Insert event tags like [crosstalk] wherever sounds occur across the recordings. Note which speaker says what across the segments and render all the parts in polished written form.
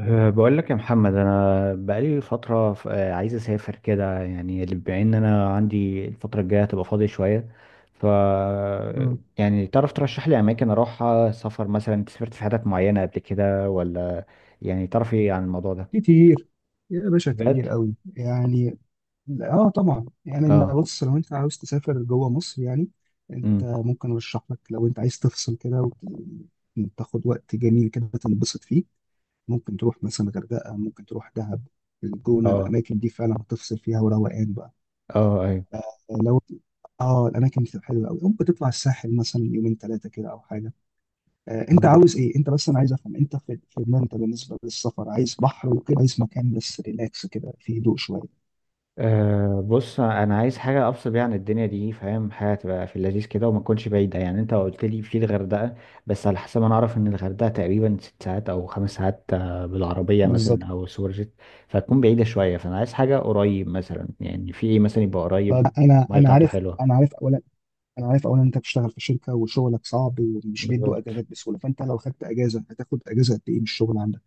Speaker 1: بقول لك يا محمد انا بقالي فتره ف- أه، عايز اسافر كده، يعني بما ان انا عندي الفتره الجايه هتبقى فاضي شويه. ف
Speaker 2: مم.
Speaker 1: يعني تعرف ترشح لي اماكن اروحها سفر؟ مثلا انت سافرت في حتت معينه قبل كده ولا؟ يعني تعرف ايه عن الموضوع ده؟
Speaker 2: كتير يا باشا،
Speaker 1: بجد؟
Speaker 2: كتير قوي يعني. اه، طبعا يعني، انت
Speaker 1: اه
Speaker 2: بص، لو انت عاوز تسافر جوه مصر يعني انت
Speaker 1: امم
Speaker 2: ممكن ارشح لك. لو انت عايز تفصل كده وتاخد وقت جميل كده تنبسط فيه، ممكن تروح مثلا غردقه، ممكن تروح دهب، الجونه.
Speaker 1: اه
Speaker 2: الاماكن دي فعلا هتفصل فيها وروقان بقى.
Speaker 1: اه
Speaker 2: لو اه الاماكن دي بتبقى حلوه قوي، ممكن تطلع الساحل مثلا يومين ثلاثه كده او حاجه. انت
Speaker 1: ايوه.
Speaker 2: عاوز ايه انت؟ بس انا عايز افهم انت، في دماغك انت بالنسبه للسفر، عايز بحر وكده، عايز مكان بس ريلاكس كده فيه هدوء شويه؟
Speaker 1: بص، انا عايز حاجه افصل بيها عن الدنيا دي، فاهم؟ حاجه تبقى في اللذيذ كده وما تكونش بعيده. يعني انت قلت لي في الغردقه، بس على حسب ما انا اعرف ان الغردقه تقريبا 6 ساعات او 5 ساعات بالعربيه
Speaker 2: بالظبط.
Speaker 1: مثلا، او سوبر جيت. فتكون بعيده شويه، فانا عايز حاجه قريب. مثلا يعني في ايه مثلا يبقى
Speaker 2: طب
Speaker 1: قريب
Speaker 2: انا
Speaker 1: الميه
Speaker 2: انا
Speaker 1: بتاعته
Speaker 2: عارف،
Speaker 1: حلوه؟
Speaker 2: انا عارف اولا انت بتشتغل في شركه وشغلك صعب ومش بيدوا
Speaker 1: بالظبط.
Speaker 2: اجازات بسهوله، فانت لو خدت اجازه هتاخد اجازه قد ايه من الشغل عندك؟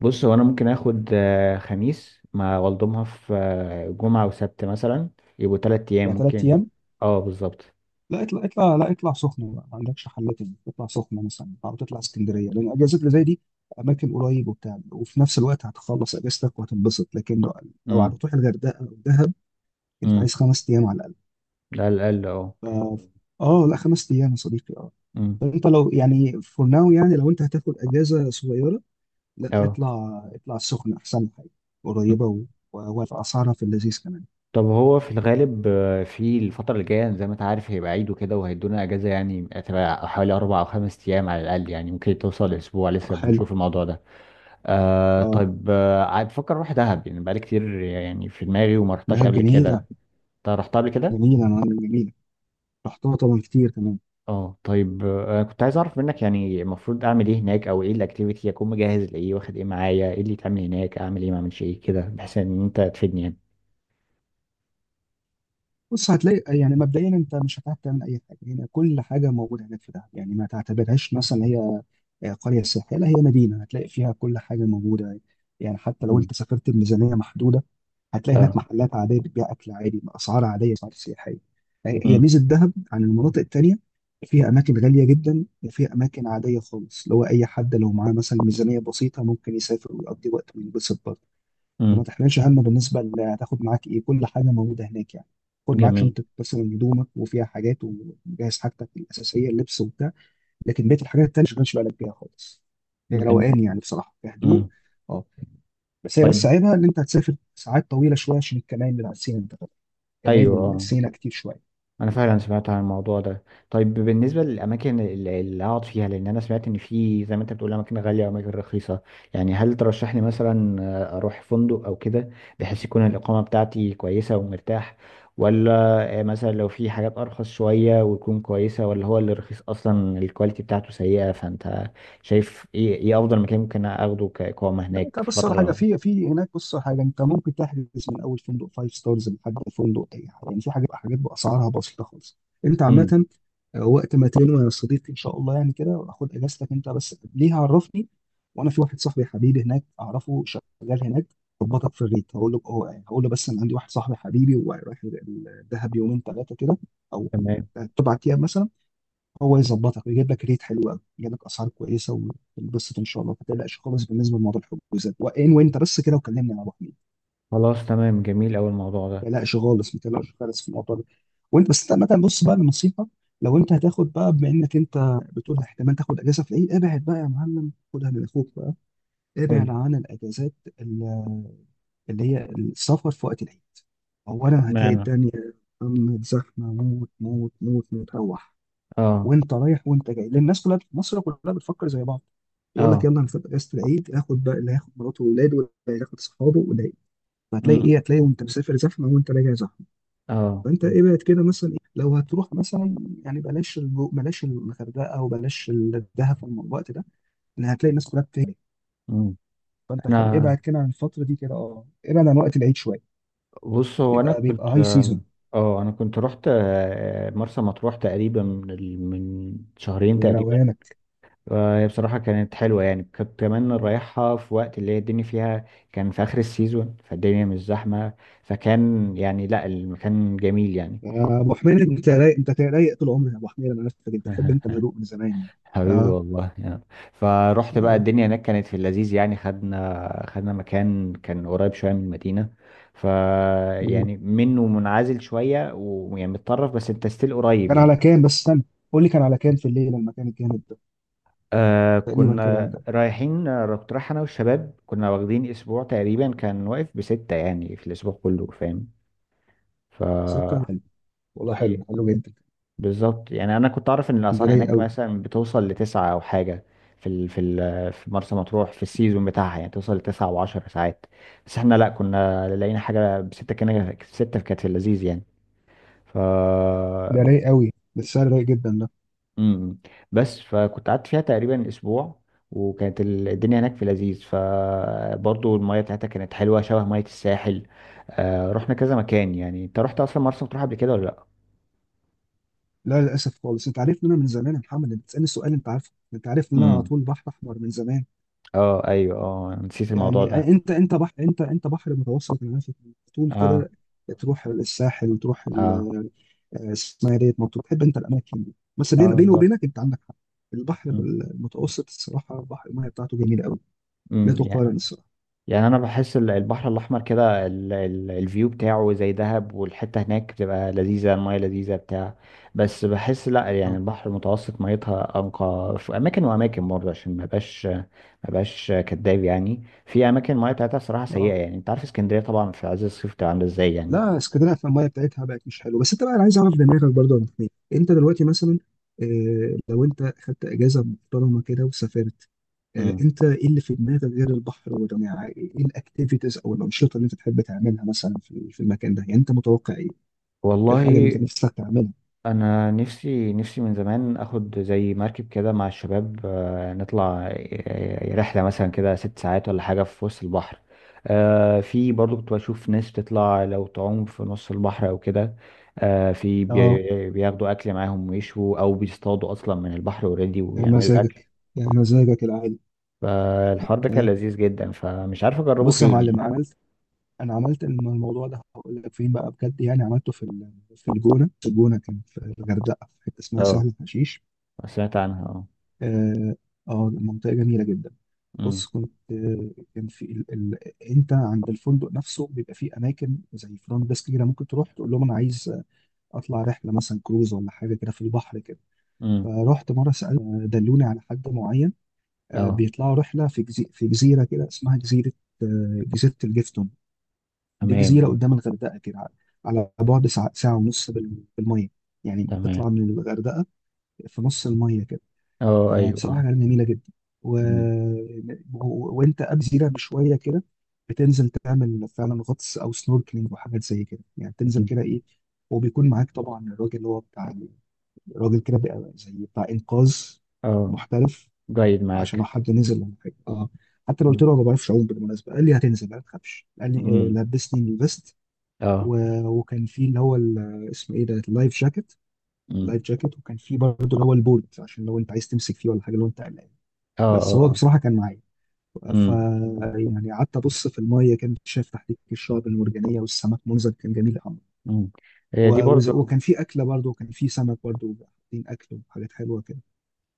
Speaker 1: بص، هو انا ممكن اخد خميس مع والدومها في جمعه وسبت مثلا، يبقوا 3 ايام
Speaker 2: يعني ثلاث
Speaker 1: ممكن.
Speaker 2: ايام.
Speaker 1: اه بالظبط.
Speaker 2: لا، اطلع اطلع لا اطلع سخنه بقى، ما عندكش حل تاني، اطلع سخنه مثلا او تطلع اسكندريه، لان الاجازات اللي زي دي اماكن قريب وبتاع، وفي نفس الوقت هتخلص اجازتك وهتنبسط. لكن لو
Speaker 1: امم.
Speaker 2: هتروح الغردقه او دهب انت
Speaker 1: امم.
Speaker 2: عايز خمس ايام على
Speaker 1: ده على الاقل، اه.
Speaker 2: اه. لا، خمس ايام يا صديقي. اه.
Speaker 1: امم.
Speaker 2: طب انت لو يعني فور ناو، يعني لو انت هتاخد اجازه صغيره، لا
Speaker 1: اه.
Speaker 2: اطلع السخنه احسن حاجه، قريبه واسعارها في اللذيذ كمان.
Speaker 1: طب هو في الغالب، في الفترة اللي جاية زي ما انت عارف هيبقى عيد وكده وهيدونا اجازة، يعني هتبقى حوالي 4 او 5 ايام على الاقل، يعني ممكن توصل لاسبوع. لسه
Speaker 2: حلو.
Speaker 1: بنشوف الموضوع ده.
Speaker 2: اه،
Speaker 1: طيب، عاد بفكر اروح دهب، يعني بقالي كتير يعني في دماغي وما رحتهاش
Speaker 2: دهب
Speaker 1: قبل كده.
Speaker 2: جميله،
Speaker 1: انت رحتها قبل كده؟
Speaker 2: جميله انا جميله. رحتها طبعا كتير كمان.
Speaker 1: اه طيب، كنت عايز اعرف منك يعني المفروض اعمل ايه هناك، او ايه الاكتيفيتي، اكون مجهز لايه، واخد ايه معايا، ايه اللي يتعمل هناك، اعمل ايه ما اعملش ايه كده، بحيث ان انت تفيدني يعني.
Speaker 2: بص، هتلاقي يعني مبدئيا انت مش هتعرف تعمل اي حاجه هنا، كل حاجه موجوده هناك في دهب يعني. ما تعتبرهاش مثلا هي قريه سياحيه، لا، هي مدينه هتلاقي فيها كل حاجه موجوده. يعني حتى لو
Speaker 1: مم.
Speaker 2: انت سافرت بميزانيه محدوده هتلاقي هناك
Speaker 1: اه.
Speaker 2: محلات عاديه بتبيع اكل عادي باسعار عاديه، اسعار سياحيه. هي ميزه دهب عن المناطق التانيه، فيها اماكن غاليه جدا وفيها اماكن عاديه خالص، اللي هو اي حد لو معاه مثلا ميزانيه بسيطه ممكن يسافر ويقضي وقت وينبسط برضه. فما
Speaker 1: امم.
Speaker 2: تحملش هم بالنسبه هتاخد معاك ايه، كل حاجه موجوده هناك يعني. خد معاك
Speaker 1: جميل.
Speaker 2: شنطه مثلا هدومك وفيها حاجات، وجهز حاجتك الاساسيه، اللبس وبتاع. لكن بقيه الحاجات التانيه ما تشغلش بالك بيها خالص، هي
Speaker 1: جميل.
Speaker 2: روقان يعني بصراحه، في هدوء.
Speaker 1: امم.
Speaker 2: اه. بس هي، بس
Speaker 1: طيب.
Speaker 2: عيبها ان انت هتسافر ساعات طويله شويه عشان الكمائن بتاع سينا، انت فاهم؟ كمائن
Speaker 1: ايوه، اه.
Speaker 2: السينا كتير شويه.
Speaker 1: انا فعلا سمعت عن الموضوع ده. طيب بالنسبه للاماكن اللي اقعد فيها، لان انا سمعت ان في زي ما انت بتقول اماكن غاليه واماكن رخيصه، يعني هل ترشح لي مثلا اروح فندق او كده بحيث يكون الاقامه بتاعتي كويسه ومرتاح؟ ولا مثلا لو في حاجات ارخص شويه وتكون كويسه؟ ولا هو اللي رخيص اصلا الكواليتي بتاعته سيئه؟ فانت شايف ايه، ايه افضل مكان ممكن اخده كاقامه
Speaker 2: لا، انت
Speaker 1: هناك في
Speaker 2: بص على
Speaker 1: الفتره
Speaker 2: حاجه، في
Speaker 1: القريبه؟
Speaker 2: في هناك، بص على حاجه، انت ممكن تحجز من اول فندق فايف ستارز لحد فندق اي حاجه يعني، في حاجات باسعارها بسيطه خالص. انت
Speaker 1: امم.
Speaker 2: عامه، وقت ما تنوي يا صديقي ان شاء الله يعني كده، خد اجازتك انت بس، ليه؟ عرفني. وانا في واحد صاحبي حبيبي هناك، اعرفه شغال هناك، ظبطك في الريت. هقول له هقول له بس انا عندي واحد صاحبي حبيبي ورايح الدهب يومين ثلاثه كده او
Speaker 1: تمام.
Speaker 2: اربع ايام مثلا، هو يظبطك ويجيب لك ريت حلو قوي، يجيب لك اسعار كويسه، وتنبسط ان شاء الله. ما تقلقش خالص بالنسبه لموضوع الحجوزات، وانت بس كده وكلمني يا ابو حميد.
Speaker 1: خلاص تمام، جميل أوي الموضوع
Speaker 2: ما تقلقش خالص، ما تقلقش خالص في الموضوع ده. وانت بس، انت عامه بص بقى لنصيحه، لو انت هتاخد بقى، بما انك انت بتقول احتمال تاخد اجازه في العيد، ابعد بقى يا معلم، خدها من اخوك بقى، ابعد
Speaker 1: ده.
Speaker 2: عن الاجازات، ال- اللي هي السفر في وقت العيد. اولا هتلاقي
Speaker 1: معنى.
Speaker 2: الدنيا يا محمد زحمه موت موت موت موت، روح
Speaker 1: اه.
Speaker 2: وانت رايح وانت جاي، لان الناس كلها، مصر كلها بتفكر زي بعض. يقول لك
Speaker 1: اه.
Speaker 2: يلا انا في اجازه العيد هاخد بقى، اللي هياخد مراته واولاده واللي هياخد اصحابه وده. فهتلاقي
Speaker 1: امم.
Speaker 2: ايه؟ هتلاقي وانت مسافر زحمه وانت راجع زحمه.
Speaker 1: اه.
Speaker 2: فانت ابعد كده مثلا. إيه؟ لو هتروح مثلا، يعني بلاش الجو، بلاش الغردقه وبلاش الدهب في الوقت ده، لان هتلاقي الناس كلها بتهلك.
Speaker 1: امم.
Speaker 2: فانت خل
Speaker 1: انا.
Speaker 2: ابعد كده عن الفتره دي كده، اه، ابعد عن وقت العيد شويه،
Speaker 1: بص هو انا
Speaker 2: بيبقى
Speaker 1: كنت.
Speaker 2: هاي سيزون.
Speaker 1: اه انا كنت رحت مرسى مطروح تقريبا من من شهرين
Speaker 2: يا
Speaker 1: تقريبا،
Speaker 2: روانك
Speaker 1: وهي بصراحه كانت حلوه، يعني كنت كمان رايحها في وقت اللي هي الدنيا فيها كان في اخر السيزون فالدنيا مش زحمه، فكان يعني لا، المكان جميل يعني.
Speaker 2: يا ابو حميد، انت رايق، انت رايق طول عمرك يا ابو حميد، انا عرفتك، انت بتحب انت
Speaker 1: [laughs]
Speaker 2: الهدوء من زمان يعني.
Speaker 1: حبيبي
Speaker 2: اه.
Speaker 1: والله يعني. فروحت بقى،
Speaker 2: اه.
Speaker 1: الدنيا هناك كانت في اللذيذ يعني. خدنا مكان كان قريب شوية من المدينة، ف
Speaker 2: مم.
Speaker 1: يعني منه منعزل شوية ويعني متطرف، بس انت ستيل قريب
Speaker 2: كان
Speaker 1: يعني.
Speaker 2: على كام بس؟ استنى، قول لي كان على كام في الليل المكان الجامد ده؟ تقريبا كده
Speaker 1: كنا
Speaker 2: ده.
Speaker 1: رايحين، كنت رايح انا والشباب، كنا واخدين اسبوع تقريبا، كان واقف بستة يعني في الاسبوع كله، فاهم؟ ف
Speaker 2: ستة؟ حلو، والله حلو، حلو جدا.
Speaker 1: بالظبط. يعني انا كنت اعرف ان
Speaker 2: ده
Speaker 1: الاسعار
Speaker 2: رايق
Speaker 1: هناك
Speaker 2: قوي،
Speaker 1: مثلا بتوصل لتسعة او حاجه في ال في ال في مرسى مطروح في السيزون بتاعها، يعني توصل لتسعة وعشر ساعات. بس احنا لا، كنا لقينا حاجه بستة، كان ستة كانت في اللذيذ يعني. ف
Speaker 2: ده رايق قوي، ده السعر رايق جدا ده.
Speaker 1: امم. بس فكنت قعدت فيها تقريبا اسبوع، وكانت الدنيا هناك في لذيذ، فبرضه المياه بتاعتها كانت حلوه شبه مياه الساحل. رحنا كذا مكان يعني. انت رحت اصلا مرسى مطروح قبل كده ولا لا؟
Speaker 2: لا للاسف خالص، انت عارف ان انا من زمان يا محمد، انت بتسالني السؤال انت عارفه، انت عارف ان انا على
Speaker 1: امم.
Speaker 2: طول بحر احمر من زمان.
Speaker 1: اه ايوه، اه نسيت الموضوع
Speaker 2: يعني
Speaker 1: ده.
Speaker 2: انت بحر، انت بحر متوسط، انا عارف إنك على طول
Speaker 1: اه.
Speaker 2: كده تروح الساحل، تروح
Speaker 1: اه.
Speaker 2: اسمها إيه، ديت مطروح، تحب انت الاماكن دي، بس
Speaker 1: اه
Speaker 2: بيني
Speaker 1: بالظبط.
Speaker 2: وبينك انت عندك حق، البحر
Speaker 1: مم.
Speaker 2: المتوسط الصراحه، البحر الميه بتاعته جميله قوي، لا
Speaker 1: مم. يعني.
Speaker 2: تقارن.
Speaker 1: يعني انا بحس البحر الاحمر كده الفيو بتاعه زي دهب، والحته هناك بتبقى لذيذه، المايه لذيذه، بتاع. بس بحس لا، يعني
Speaker 2: اه.
Speaker 1: البحر المتوسط ميتها انقى في اماكن، واماكن برضه عشان ما بقاش كداب يعني، في اماكن المايه بتاعتها صراحه سيئه
Speaker 2: اه.
Speaker 1: يعني، انت عارف اسكندريه طبعا في عز الصيف بتبقى عامله ازاي يعني.
Speaker 2: لا، اسكندريه في الميه بتاعتها بقت مش حلوه. بس انت بقى، انا عايز اعرف دماغك برضه يا أبو حميد، انت دلوقتي مثلا آه لو انت خدت اجازه محترمه كده وسافرت، آه
Speaker 1: امم.
Speaker 2: انت ايه اللي في دماغك غير البحر والرماية؟ ايه الاكتيفيتيز او الانشطه اللي انت تحب تعملها مثلا في المكان ده يعني؟ انت متوقع ايه؟ إيه الحاجه اللي انت
Speaker 1: والله،
Speaker 2: نفسك تعملها؟
Speaker 1: انا نفسي نفسي من زمان اخد زي مركب كده مع الشباب، نطلع رحله مثلا كده 6 ساعات ولا حاجه في وسط البحر. في برضو كنت بشوف ناس بتطلع لو تعوم في نص البحر او كده.
Speaker 2: اه،
Speaker 1: بياخدوا اكل معاهم ويشوا او بيصطادوا اصلا من البحر اوريدي
Speaker 2: يا
Speaker 1: ويعملوا اكل.
Speaker 2: مزاجك، يا مزاجك العالي.
Speaker 1: فالحوار ده كان
Speaker 2: آه.
Speaker 1: لذيذ جدا، فمش عارف اجربه
Speaker 2: بص يا
Speaker 1: فين يعني.
Speaker 2: معلم، عملت، انا عملت الموضوع ده هقول لك فين بقى بجد يعني، عملته في الجونه، في الجونه، كان في الغردقه في حته اسمها
Speaker 1: اه
Speaker 2: سهل حشيش.
Speaker 1: سمعت عنها، اه.
Speaker 2: اه منطقه جميله جدا. بص
Speaker 1: امم.
Speaker 2: كنت كان في ال... ال... انت عند الفندق نفسه بيبقى فيه اماكن زي فرونت ديسك كده، ممكن تروح تقول لهم انا عايز اطلع رحله مثلا كروز ولا حاجه كده في البحر كده.
Speaker 1: امم.
Speaker 2: فرحت مره سالت، دلوني على حد معين،
Speaker 1: اه.
Speaker 2: بيطلعوا رحله في جزيره كده اسمها جزيره، جزيره الجفتون. دي
Speaker 1: تمام
Speaker 2: جزيرة
Speaker 1: اه.
Speaker 2: قدام الغردقة كده، على بعد ساعة، ساعة ونص بالمية، يعني
Speaker 1: تمام.
Speaker 2: تطلع من الغردقة في نص المية كده.
Speaker 1: اه ايوه
Speaker 2: فبصراحة
Speaker 1: اه.
Speaker 2: كانت جميلة جدا. و...
Speaker 1: مم.
Speaker 2: وانت قبل جزيرة بشوية كده بتنزل تعمل فعلا غطس او سنوركلينج وحاجات زي كده، يعني تنزل كده، ايه، وبيكون معاك طبعا الراجل اللي هو بتاع، الراجل كده بقى زي بتاع انقاذ
Speaker 1: اه.
Speaker 2: محترف
Speaker 1: جيد
Speaker 2: عشان لو
Speaker 1: معاك.
Speaker 2: حد نزل ولا حاجه. اه، حتى لو قلت
Speaker 1: مم.
Speaker 2: له أنا ما بعرفش اعوم، بالمناسبه قال لي هتنزل ما تخافش، قال لي
Speaker 1: مم.
Speaker 2: لبسني الفيست،
Speaker 1: اه.
Speaker 2: وكان في اللي هو اسمه ايه ده، اللايف جاكيت.
Speaker 1: مم.
Speaker 2: اللايف جاكيت، وكان في برضه اللي هو البولت عشان لو انت عايز تمسك فيه ولا حاجه لو انت قلقان،
Speaker 1: اه.
Speaker 2: بس
Speaker 1: اه.
Speaker 2: هو
Speaker 1: آه.
Speaker 2: بصراحه كان معايا. ف
Speaker 1: مم.
Speaker 2: يعني قعدت ابص في الميه، كان شايف تحت الشعب المرجانيه والسمك، منظر كان جميل قوي.
Speaker 1: مم. هي دي برضو.
Speaker 2: وكان في اكله برضه وكان في سمك برضه، حاطين اكل وحاجات حلوه كده.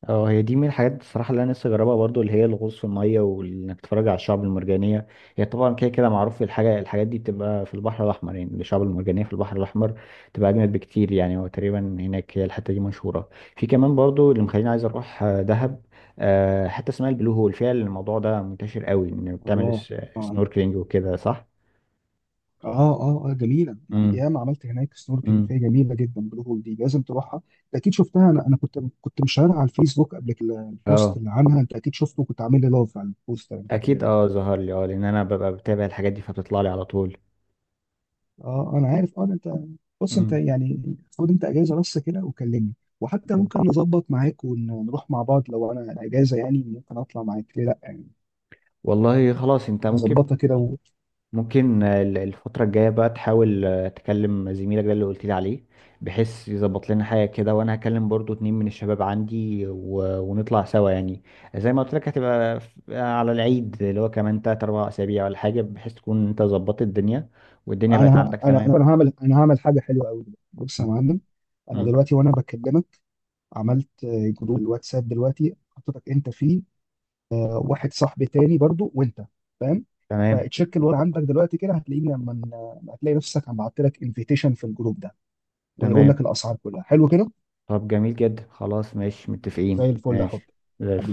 Speaker 1: اه، هي دي من الحاجات بصراحة اللي انا لسه جربها برضو، اللي هي الغوص في المية وانك تتفرج على الشعب المرجانية. هي طبعا كده كده معروف الحاجة، الحاجات دي بتبقى في البحر الأحمر يعني، الشعب المرجانية في البحر الأحمر بتبقى أجمد بكتير يعني، هو تقريبا هناك هي الحتة دي مشهورة. في كمان برضو اللي مخليني عايز أروح دهب، حتة اسمها البلو هول فيها الموضوع ده منتشر قوي، إن بتعمل
Speaker 2: الله.
Speaker 1: سنوركلينج وكده، صح؟
Speaker 2: اه اه اه جميله، نعم،
Speaker 1: مم.
Speaker 2: ياما عملت هناك سنوركلينج
Speaker 1: مم.
Speaker 2: فيها، جميله جدا بالهول دي، لازم تروحها. انت اكيد شفتها، انا كنت مشاهدها على الفيسبوك قبل كده، البوست
Speaker 1: اه
Speaker 2: اللي عنها انت اكيد شفته، كنت عامل لي لايف على البوست، انا خدت
Speaker 1: اكيد،
Speaker 2: بالي.
Speaker 1: اه ظهر لي، اه، لان انا ببقى بتابع الحاجات دي فبتطلع لي على طول.
Speaker 2: اه انا عارف، اه ده انت. بص، انت
Speaker 1: مم.
Speaker 2: يعني خد انت اجازه بس كده وكلمني، وحتى ممكن نظبط معاك ونروح مع بعض، لو انا اجازه يعني ممكن اطلع معاك، ليه لا يعني؟
Speaker 1: والله خلاص، انت ممكن.
Speaker 2: نظبطها كده، وانا،
Speaker 1: ممكن الفترة الجاية بقى تحاول تكلم زميلك ده اللي قلت لي عليه بحيث يظبط لنا حاجة كده، وانا هكلم برضو 2 من الشباب عندي، و... ونطلع سوا يعني. زي ما قلت لك، هتبقى على العيد اللي هو كمان 3 4 اسابيع ولا حاجة، بحيث تكون انت ظبطت الدنيا والدنيا بقت عندك. تمام.
Speaker 2: انا هعمل حاجه حلوه قوي. بص يا
Speaker 1: آه.
Speaker 2: معلم، انا
Speaker 1: مم.
Speaker 2: دلوقتي وانا بكلمك عملت جروب الواتساب دلوقتي، حطيتك انت فيه، واحد صاحبي تاني برضو وانت، فاهم؟
Speaker 1: تمام.
Speaker 2: فتشيك الوضع عندك دلوقتي كده، هتلاقيني لما هتلاقي نفسك عم بعت لك انفيتيشن في الجروب ده، ويقول لك
Speaker 1: تمام.
Speaker 2: الاسعار كلها حلو كده.
Speaker 1: طب جميل جدا، خلاص ماشي، متفقين،
Speaker 2: زي الفل يا حب،
Speaker 1: ماشي. زي الفل.
Speaker 2: حبيبي.